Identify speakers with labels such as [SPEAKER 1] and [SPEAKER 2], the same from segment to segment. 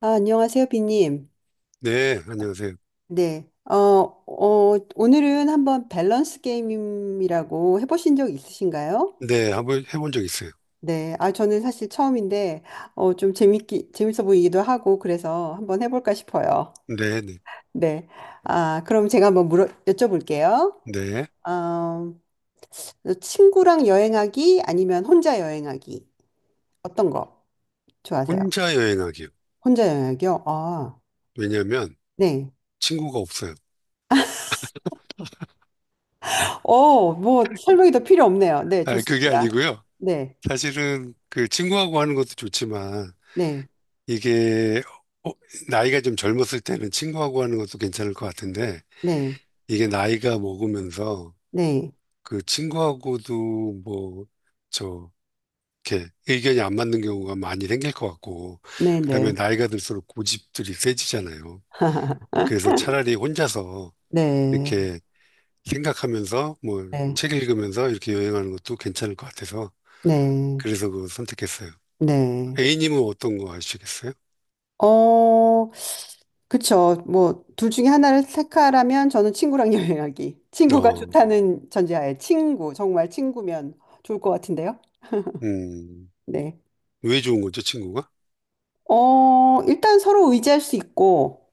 [SPEAKER 1] 아, 안녕하세요, 비님.
[SPEAKER 2] 네, 안녕하세요.
[SPEAKER 1] 네. 오늘은 한번 밸런스 게임이라고 해보신 적 있으신가요?
[SPEAKER 2] 네, 한번 해본 적 있어요.
[SPEAKER 1] 네. 아, 저는 사실 처음인데, 좀 재밌어 보이기도 하고, 그래서 한번 해볼까 싶어요.
[SPEAKER 2] 네, 네,
[SPEAKER 1] 네. 아, 그럼 제가 한번 여쭤볼게요.
[SPEAKER 2] 네.
[SPEAKER 1] 어, 친구랑 여행하기 아니면 혼자 여행하기. 어떤 거 좋아하세요?
[SPEAKER 2] 혼자 여행하기요.
[SPEAKER 1] 혼자 여행하기요? 아,
[SPEAKER 2] 왜냐면
[SPEAKER 1] 네.
[SPEAKER 2] 친구가 없어요.
[SPEAKER 1] 뭐, 설명이 더 필요 없네요. 네,
[SPEAKER 2] 아, 그게
[SPEAKER 1] 좋습니다.
[SPEAKER 2] 아니고요.
[SPEAKER 1] 네,
[SPEAKER 2] 사실은 그 친구하고 하는 것도 좋지만
[SPEAKER 1] 네.
[SPEAKER 2] 이게 어, 나이가 좀 젊었을 때는 친구하고 하는 것도 괜찮을 것 같은데
[SPEAKER 1] 네,
[SPEAKER 2] 이게 나이가 먹으면서
[SPEAKER 1] 네,
[SPEAKER 2] 그 친구하고도 뭐 저 이렇게 의견이 안 맞는 경우가 많이 생길 것 같고
[SPEAKER 1] 네, 네,
[SPEAKER 2] 그다음에 나이가 들수록 고집들이 세지잖아요. 그래서 차라리 혼자서
[SPEAKER 1] 네,
[SPEAKER 2] 이렇게 생각하면서 뭐
[SPEAKER 1] 네,
[SPEAKER 2] 책 읽으면서 이렇게 여행하는 것도 괜찮을 것 같아서
[SPEAKER 1] 네,
[SPEAKER 2] 그래서 그거 선택했어요.
[SPEAKER 1] 네.
[SPEAKER 2] A님은 어떤 거 하시겠어요?
[SPEAKER 1] 어, 그쵸. 뭐, 둘 중에 하나를 택하라면 저는 친구랑 여행하기. 친구가
[SPEAKER 2] 어,
[SPEAKER 1] 좋다는 전제하에 친구, 정말 친구면 좋을 것 같은데요.
[SPEAKER 2] 음,
[SPEAKER 1] 네.
[SPEAKER 2] 왜 좋은 거죠, 친구가?
[SPEAKER 1] 일단 서로 의지할 수 있고,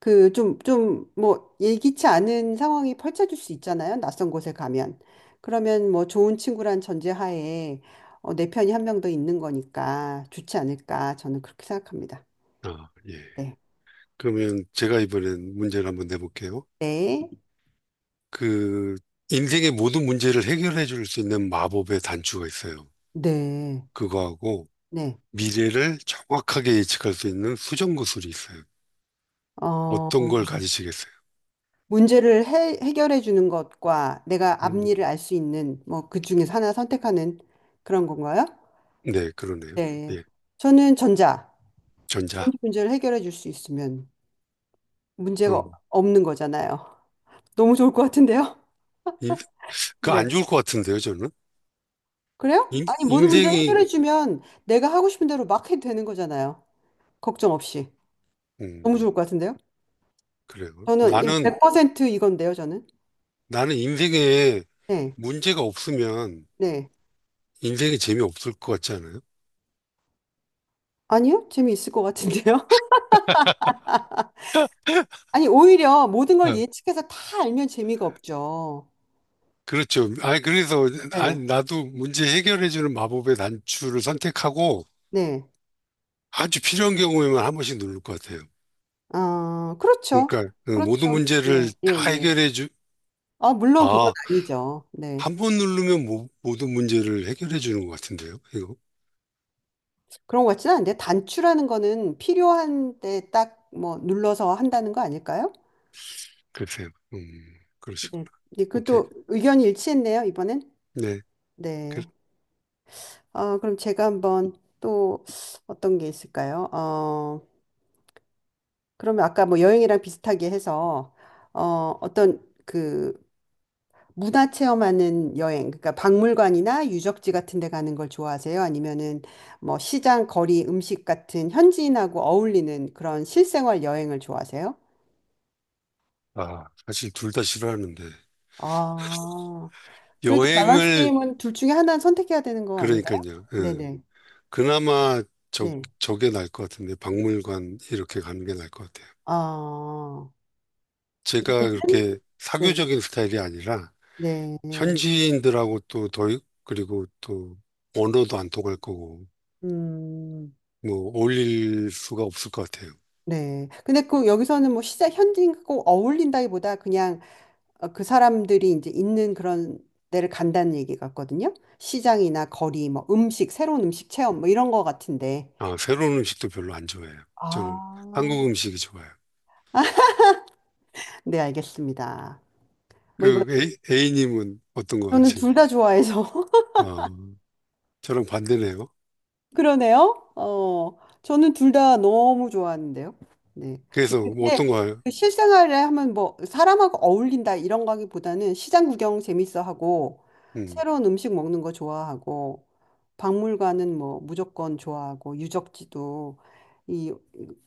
[SPEAKER 1] 그 좀 뭐 예기치 않은 상황이 펼쳐질 수 있잖아요. 낯선 곳에 가면. 그러면 뭐 좋은 친구란 전제하에 내 편이 한 명 더 있는 거니까 좋지 않을까 저는 그렇게 생각합니다.
[SPEAKER 2] 아, 예.
[SPEAKER 1] 네.
[SPEAKER 2] 그러면 제가 이번엔 문제를 한번 내볼게요.
[SPEAKER 1] 네.
[SPEAKER 2] 그 인생의 모든 문제를 해결해 줄 수 있는 마법의 단추가 있어요.
[SPEAKER 1] 네.
[SPEAKER 2] 그거하고
[SPEAKER 1] 네.
[SPEAKER 2] 미래를 정확하게 예측할 수 있는 수정 구슬이 있어요.
[SPEAKER 1] 어,
[SPEAKER 2] 어떤 걸 가지시겠어요?
[SPEAKER 1] 문제를 해결해 주는 것과 내가
[SPEAKER 2] 음,
[SPEAKER 1] 앞니를 알 수 있는 뭐 그 중에서 하나 선택하는 그런 건가요?
[SPEAKER 2] 네, 그러네요.
[SPEAKER 1] 네.
[SPEAKER 2] 예,
[SPEAKER 1] 저는 전자.
[SPEAKER 2] 전자.
[SPEAKER 1] 먼저 문제를 해결해 줄 수 있으면 문제가
[SPEAKER 2] 어.
[SPEAKER 1] 없는 거잖아요. 너무 좋을 것 같은데요?
[SPEAKER 2] 이- 그
[SPEAKER 1] 네.
[SPEAKER 2] 안 좋을 것 같은데요, 저는.
[SPEAKER 1] 그래요?
[SPEAKER 2] 인,
[SPEAKER 1] 아니, 모든 문제
[SPEAKER 2] 인생이,
[SPEAKER 1] 해결해주면 내가 하고 싶은 대로 막 해도 되는 거잖아요. 걱정 없이. 너무
[SPEAKER 2] 음,
[SPEAKER 1] 좋을 것 같은데요?
[SPEAKER 2] 그래요.
[SPEAKER 1] 저는
[SPEAKER 2] 나는,
[SPEAKER 1] 100% 이건데요, 저는.
[SPEAKER 2] 나는 인생에
[SPEAKER 1] 네,
[SPEAKER 2] 문제가 없으면
[SPEAKER 1] 네.
[SPEAKER 2] 인생이 재미없을 것 같지 않아요?
[SPEAKER 1] 아니요? 재미있을 것 같은데요? 아니, 오히려 모든 걸
[SPEAKER 2] 아,
[SPEAKER 1] 예측해서 다 알면 재미가 없죠.
[SPEAKER 2] 그렇죠. 아니, 그래서,
[SPEAKER 1] 네,
[SPEAKER 2] 아니, 나도 문제 해결해주는 마법의 단추를 선택하고
[SPEAKER 1] 네.
[SPEAKER 2] 아주 필요한 경우에만 한 번씩 누를 것 같아요.
[SPEAKER 1] 아, 그렇죠.
[SPEAKER 2] 그러니까, 모든
[SPEAKER 1] 그렇죠. 예,
[SPEAKER 2] 문제를
[SPEAKER 1] 예,
[SPEAKER 2] 다
[SPEAKER 1] 예.
[SPEAKER 2] 해결해주,
[SPEAKER 1] 아, 물론 그건
[SPEAKER 2] 아,
[SPEAKER 1] 아니죠. 네.
[SPEAKER 2] 한 번 누르면 모든 문제를 해결해주는 것 같은데요, 이거.
[SPEAKER 1] 그런 것 같지는 않은데, 단추라는 거는 필요한 때 딱 뭐 눌러서 한다는 거 아닐까요?
[SPEAKER 2] 글쎄요. 그러시구나.
[SPEAKER 1] 네. 네,
[SPEAKER 2] 오케이.
[SPEAKER 1] 그것도 의견이 일치했네요, 이번엔.
[SPEAKER 2] 네. 그-
[SPEAKER 1] 네. 그럼 제가 한번 또 어떤 게 있을까요? 그러면 아까 뭐 여행이랑 비슷하게 해서 어, 어떤 그 문화 체험하는 여행, 그러니까 박물관이나 유적지 같은 데 가는 걸 좋아하세요? 아니면은 뭐 시장, 거리, 음식 같은 현지인하고 어울리는 그런 실생활 여행을 좋아하세요?
[SPEAKER 2] 아, 사실 둘 다 싫어하는데.
[SPEAKER 1] 아, 그래도 밸런스
[SPEAKER 2] 여행을,
[SPEAKER 1] 게임은 둘 중에 하나는 선택해야 되는 거 아닌가요?
[SPEAKER 2] 그러니까요. 예.
[SPEAKER 1] 네네.
[SPEAKER 2] 그나마 저,
[SPEAKER 1] 네.
[SPEAKER 2] 저게 나을 것 같은데, 박물관 이렇게 가는 게 나을 것 같아요.
[SPEAKER 1] 아, 요즘?
[SPEAKER 2] 제가 그렇게
[SPEAKER 1] 네,
[SPEAKER 2] 사교적인 스타일이 아니라,
[SPEAKER 1] 네,
[SPEAKER 2] 현지인들하고 또 더, 그리고 또 언어도 안 통할 거고,
[SPEAKER 1] 음,
[SPEAKER 2] 뭐, 어울릴 수가 없을 것 같아요.
[SPEAKER 1] 네. 근데 그 여기서는 뭐 시장 현지인과 꼭 어울린다기보다 그냥 그 사람들이 이제 있는 그런 데를 간다는 얘기 같거든요. 시장이나 거리, 뭐 음식, 새로운 음식 체험 뭐 이런 거 같은데.
[SPEAKER 2] 아, 새로운 음식도 별로 안 좋아해요. 저는
[SPEAKER 1] 아,
[SPEAKER 2] 한국 음식이 좋아요.
[SPEAKER 1] 네, 알겠습니다. 뭐 이거
[SPEAKER 2] 그, A님은 어떤 거
[SPEAKER 1] 저는 둘
[SPEAKER 2] 하실래요?
[SPEAKER 1] 다 좋아해서
[SPEAKER 2] 아, 저랑 반대네요.
[SPEAKER 1] 그러네요. 저는 둘 다 너무 좋아하는데요. 네.
[SPEAKER 2] 그래서 뭐 어떤
[SPEAKER 1] 근데
[SPEAKER 2] 거, 요
[SPEAKER 1] 그 실생활에 하면 뭐 사람하고 어울린다 이런 거기보다는 시장 구경 재밌어 하고 새로운 음식 먹는 거 좋아하고 박물관은 뭐 무조건 좋아하고 유적지도 이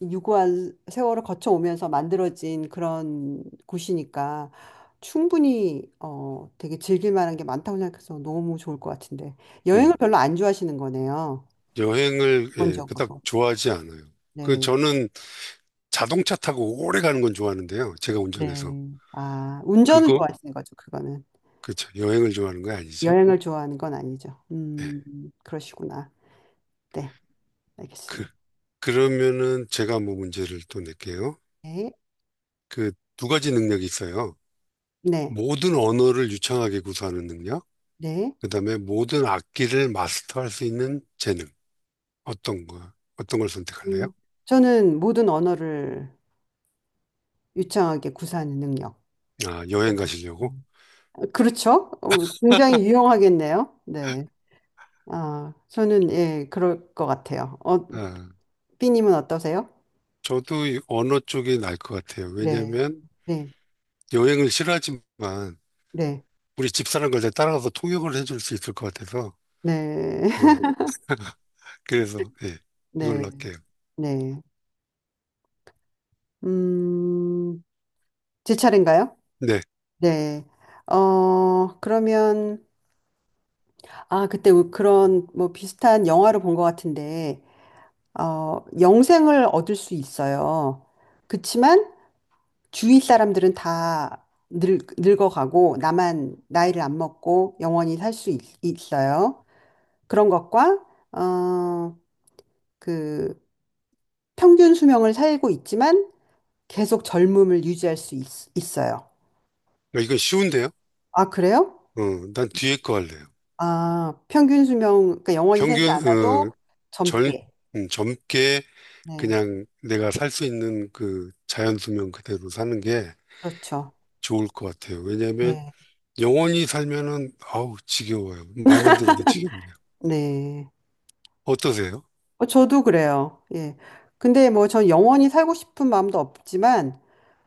[SPEAKER 1] 유구한 세월을 거쳐 오면서 만들어진 그런 곳이니까 충분히 되게 즐길 만한 게 많다고 생각해서 너무 좋을 것 같은데 여행을
[SPEAKER 2] 음,
[SPEAKER 1] 별로 안 좋아하시는 거네요.
[SPEAKER 2] 여행을 예, 그닥
[SPEAKER 1] 기본적으로.
[SPEAKER 2] 좋아하지 않아요. 그
[SPEAKER 1] 네.
[SPEAKER 2] 저는 자동차 타고 오래 가는 건 좋아하는데요. 제가 운전해서
[SPEAKER 1] 네. 아, 운전을
[SPEAKER 2] 그거
[SPEAKER 1] 좋아하시는 거죠, 그거는.
[SPEAKER 2] 그렇죠. 여행을 좋아하는 거 아니죠.
[SPEAKER 1] 여행을 좋아하는 건 아니죠. 그러시구나. 네,
[SPEAKER 2] 그
[SPEAKER 1] 알겠습니다.
[SPEAKER 2] 그러면은 제가 뭐 문제를 또 낼게요.
[SPEAKER 1] 네,
[SPEAKER 2] 그 두 가지 능력이 있어요.
[SPEAKER 1] 네,
[SPEAKER 2] 모든 언어를 유창하게 구사하는 능력,
[SPEAKER 1] 네.
[SPEAKER 2] 그다음에 모든 악기를 마스터할 수 있는 재능. 어떤 거 어떤 걸 선택할래요?
[SPEAKER 1] 음, 저는 모든 언어를 유창하게 구사하는 능력.
[SPEAKER 2] 아, 여행 가시려고?
[SPEAKER 1] 음. 그렇죠? 굉장히 유용하겠네요. 네. 아, 저는 예, 그럴 것 같아요.
[SPEAKER 2] 아,
[SPEAKER 1] 삐님은 어떠세요?
[SPEAKER 2] 저도 이 언어 쪽이 날 것 같아요.
[SPEAKER 1] 네,
[SPEAKER 2] 왜냐면
[SPEAKER 1] 네,
[SPEAKER 2] 여행을 싫어하지만
[SPEAKER 1] 네,
[SPEAKER 2] 우리 집사람걸 따라가서 통역을 해줄 수 있을 것 같아서.
[SPEAKER 1] 네,
[SPEAKER 2] 어, 그래서, 예, 이걸로
[SPEAKER 1] 네,
[SPEAKER 2] 할게요.
[SPEAKER 1] 네. 음, 제 차례인가요?
[SPEAKER 2] 네.
[SPEAKER 1] 네. 그러면 아, 그때 그런 뭐 비슷한 영화를 본 것 같은데, 영생을 얻을 수 있어요. 그치만 주위 사람들은 다 늙어가고, 나만 나이를 안 먹고 영원히 살 수 있어요. 그런 것과, 어, 그 평균 수명을 살고 있지만 계속 젊음을 유지할 수 있어요.
[SPEAKER 2] 이거 쉬운데요?
[SPEAKER 1] 아, 그래요?
[SPEAKER 2] 어, 난 뒤에 거 할래요.
[SPEAKER 1] 아, 평균 수명, 그러니까 영원히 살지
[SPEAKER 2] 평균,
[SPEAKER 1] 않아도
[SPEAKER 2] 젊,
[SPEAKER 1] 젊게.
[SPEAKER 2] 젊게
[SPEAKER 1] 네,
[SPEAKER 2] 그냥 내가 살 수 있는 그 자연 수명 그대로 사는 게
[SPEAKER 1] 그렇죠.
[SPEAKER 2] 좋을 것 같아요. 왜냐하면
[SPEAKER 1] 네,
[SPEAKER 2] 영원히 살면은, 아우, 지겨워요. 말만 들어도 지겹네요.
[SPEAKER 1] 네.
[SPEAKER 2] 어떠세요?
[SPEAKER 1] 저도 그래요. 예. 근데 뭐 전 영원히 살고 싶은 마음도 없지만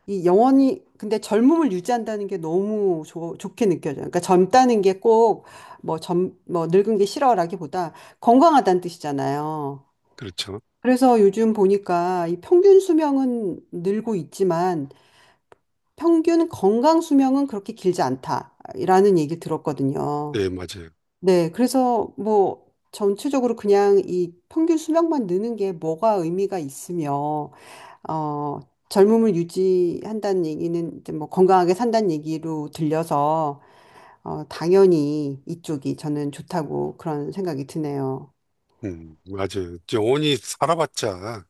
[SPEAKER 1] 이 영원히 근데 젊음을 유지한다는 게 너무 좋 좋게 느껴져요. 그러니까 젊다는 게 꼭 뭐 젊 뭐 늙은 게 싫어라기보다 건강하다는 뜻이잖아요.
[SPEAKER 2] 그렇죠.
[SPEAKER 1] 그래서 요즘 보니까 이 평균 수명은 늘고 있지만 평균 건강 수명은 그렇게 길지 않다라는 얘기 들었거든요.
[SPEAKER 2] 네, 맞아요.
[SPEAKER 1] 네, 그래서 뭐 전체적으로 그냥 이 평균 수명만 느는 게 뭐가 의미가 있으며, 어, 젊음을 유지한다는 얘기는 이제 뭐 건강하게 산다는 얘기로 들려서, 당연히 이쪽이 저는 좋다고 그런 생각이 드네요.
[SPEAKER 2] 맞아요. 영원히 살아봤자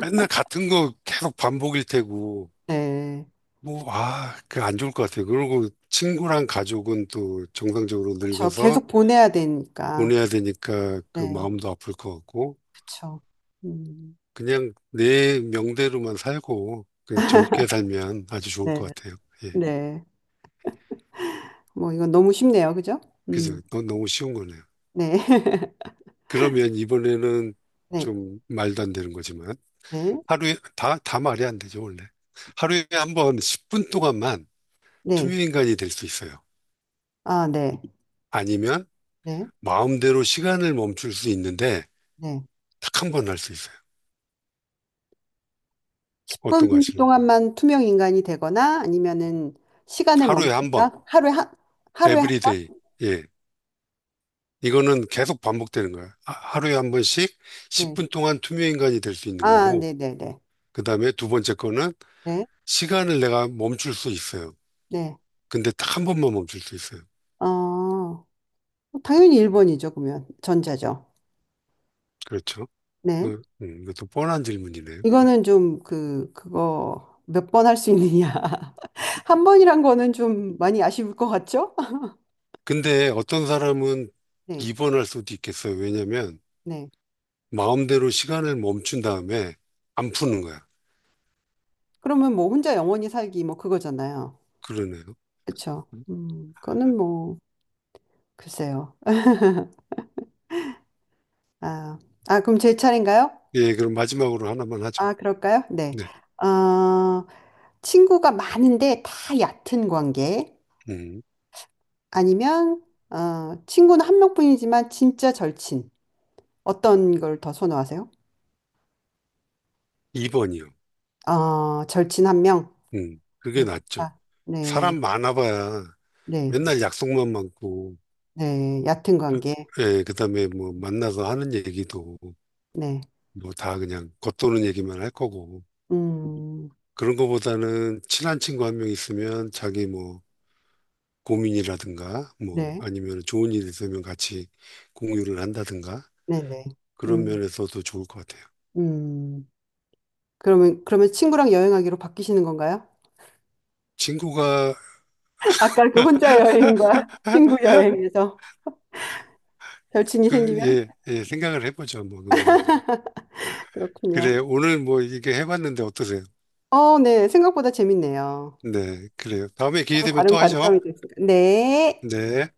[SPEAKER 2] 맨날 같은 거 계속 반복일 테고,
[SPEAKER 1] 네.
[SPEAKER 2] 뭐, 아, 그 안 좋을 것 같아요. 그리고 친구랑 가족은 또 정상적으로
[SPEAKER 1] 저
[SPEAKER 2] 늙어서
[SPEAKER 1] 계속 보내야 되니까.
[SPEAKER 2] 보내야 되니까 그
[SPEAKER 1] 네,
[SPEAKER 2] 마음도 아플 것 같고,
[SPEAKER 1] 그쵸. 음,
[SPEAKER 2] 그냥 내 명대로만 살고, 그냥 젊게 살면 아주 좋을
[SPEAKER 1] 네,
[SPEAKER 2] 것 같아요. 예.
[SPEAKER 1] 네. 뭐 이건 너무 쉽네요. 그죠? 음,
[SPEAKER 2] 그죠? 너무 쉬운 거네요.
[SPEAKER 1] 네.
[SPEAKER 2] 그러면 이번에는
[SPEAKER 1] 네,
[SPEAKER 2] 좀 말도 안 되는 거지만,
[SPEAKER 1] 네,
[SPEAKER 2] 하루에, 다 말이 안 되죠, 원래. 하루에 한번 10분 동안만
[SPEAKER 1] 네.
[SPEAKER 2] 투명인간이 될 수 있어요.
[SPEAKER 1] 아, 네,
[SPEAKER 2] 아니면
[SPEAKER 1] 네,
[SPEAKER 2] 마음대로 시간을 멈출 수 있는데,
[SPEAKER 1] 네.
[SPEAKER 2] 딱 한 번 할 수 있어요. 어떤 거
[SPEAKER 1] 10분
[SPEAKER 2] 하실래요?
[SPEAKER 1] 동안만 투명 인간이 되거나 아니면은 시간을
[SPEAKER 2] 하루에 한 번,
[SPEAKER 1] 멈춘다? 하루에 한
[SPEAKER 2] 에브리데이.
[SPEAKER 1] 번?
[SPEAKER 2] 예. 이거는 계속 반복되는 거예요. 하루에 한 번씩
[SPEAKER 1] 네.
[SPEAKER 2] 10분 동안 투명 인간이 될 수 있는
[SPEAKER 1] 아,
[SPEAKER 2] 거고,
[SPEAKER 1] 네네네. 네.
[SPEAKER 2] 그 다음에 두 번째 거는
[SPEAKER 1] 네.
[SPEAKER 2] 시간을 내가 멈출 수 있어요.
[SPEAKER 1] 네,
[SPEAKER 2] 근데 딱 한 번만 멈출 수 있어요.
[SPEAKER 1] 네. 당연히 1번이죠, 그러면. 전자죠.
[SPEAKER 2] 그렇죠.
[SPEAKER 1] 네.
[SPEAKER 2] 이것도 뻔한 질문이네요.
[SPEAKER 1] 이거는 좀 그거 몇 번 할 수 있느냐. 한 번이란 거는 좀 많이 아쉬울 것 같죠?
[SPEAKER 2] 근데 어떤 사람은
[SPEAKER 1] 네.
[SPEAKER 2] 2번 할 수도 있겠어요. 왜냐면
[SPEAKER 1] 네.
[SPEAKER 2] 마음대로 시간을 멈춘 다음에 안 푸는 거야.
[SPEAKER 1] 그러면 뭐 혼자 영원히 살기 뭐 그거잖아요.
[SPEAKER 2] 그러네요.
[SPEAKER 1] 그렇죠. 그거는 뭐, 글쎄요. 아, 아, 그럼 제 차례인가요?
[SPEAKER 2] 예, 그럼 마지막으로 하나만 하죠.
[SPEAKER 1] 아, 그럴까요? 네.
[SPEAKER 2] 네.
[SPEAKER 1] 어, 친구가 많은데 다 얕은 관계
[SPEAKER 2] 음,
[SPEAKER 1] 아니면 친구는 한 명뿐이지만 진짜 절친. 어떤 걸 더 선호하세요?
[SPEAKER 2] 2번이요.
[SPEAKER 1] 절친 한 명.
[SPEAKER 2] 그게
[SPEAKER 1] 네.
[SPEAKER 2] 낫죠.
[SPEAKER 1] 아, 네.
[SPEAKER 2] 사람 많아봐야
[SPEAKER 1] 네.
[SPEAKER 2] 맨날 약속만 많고,
[SPEAKER 1] 네. 얕은 관계.
[SPEAKER 2] 예, 그다음에 뭐 만나서 하는 얘기도
[SPEAKER 1] 네.
[SPEAKER 2] 뭐 다 그냥 겉도는 얘기만 할 거고.
[SPEAKER 1] 음.
[SPEAKER 2] 그런 거보다는 친한 친구 한 명 있으면 자기 뭐 고민이라든가 뭐
[SPEAKER 1] 네.
[SPEAKER 2] 아니면 좋은 일 있으면 같이 공유를 한다든가
[SPEAKER 1] 네, 네.
[SPEAKER 2] 그런
[SPEAKER 1] 음.
[SPEAKER 2] 면에서도 좋을 것 같아요.
[SPEAKER 1] 음. 그러면 친구랑 여행하기로 바뀌시는 건가요?
[SPEAKER 2] 친구가
[SPEAKER 1] 아까 그 혼자 여행과 친구 여행에서 절친이 생기면
[SPEAKER 2] 예, 예, 생각을 해보죠. 뭐 그거는.
[SPEAKER 1] 그렇군요.
[SPEAKER 2] 그래, 오늘 뭐 이게 해봤는데 어떠세요?
[SPEAKER 1] 네. 생각보다 재밌네요.
[SPEAKER 2] 네, 그래요. 다음에 기회
[SPEAKER 1] 서로
[SPEAKER 2] 되면
[SPEAKER 1] 다른
[SPEAKER 2] 또 하죠.
[SPEAKER 1] 관점이 될 수 있 네.
[SPEAKER 2] 네.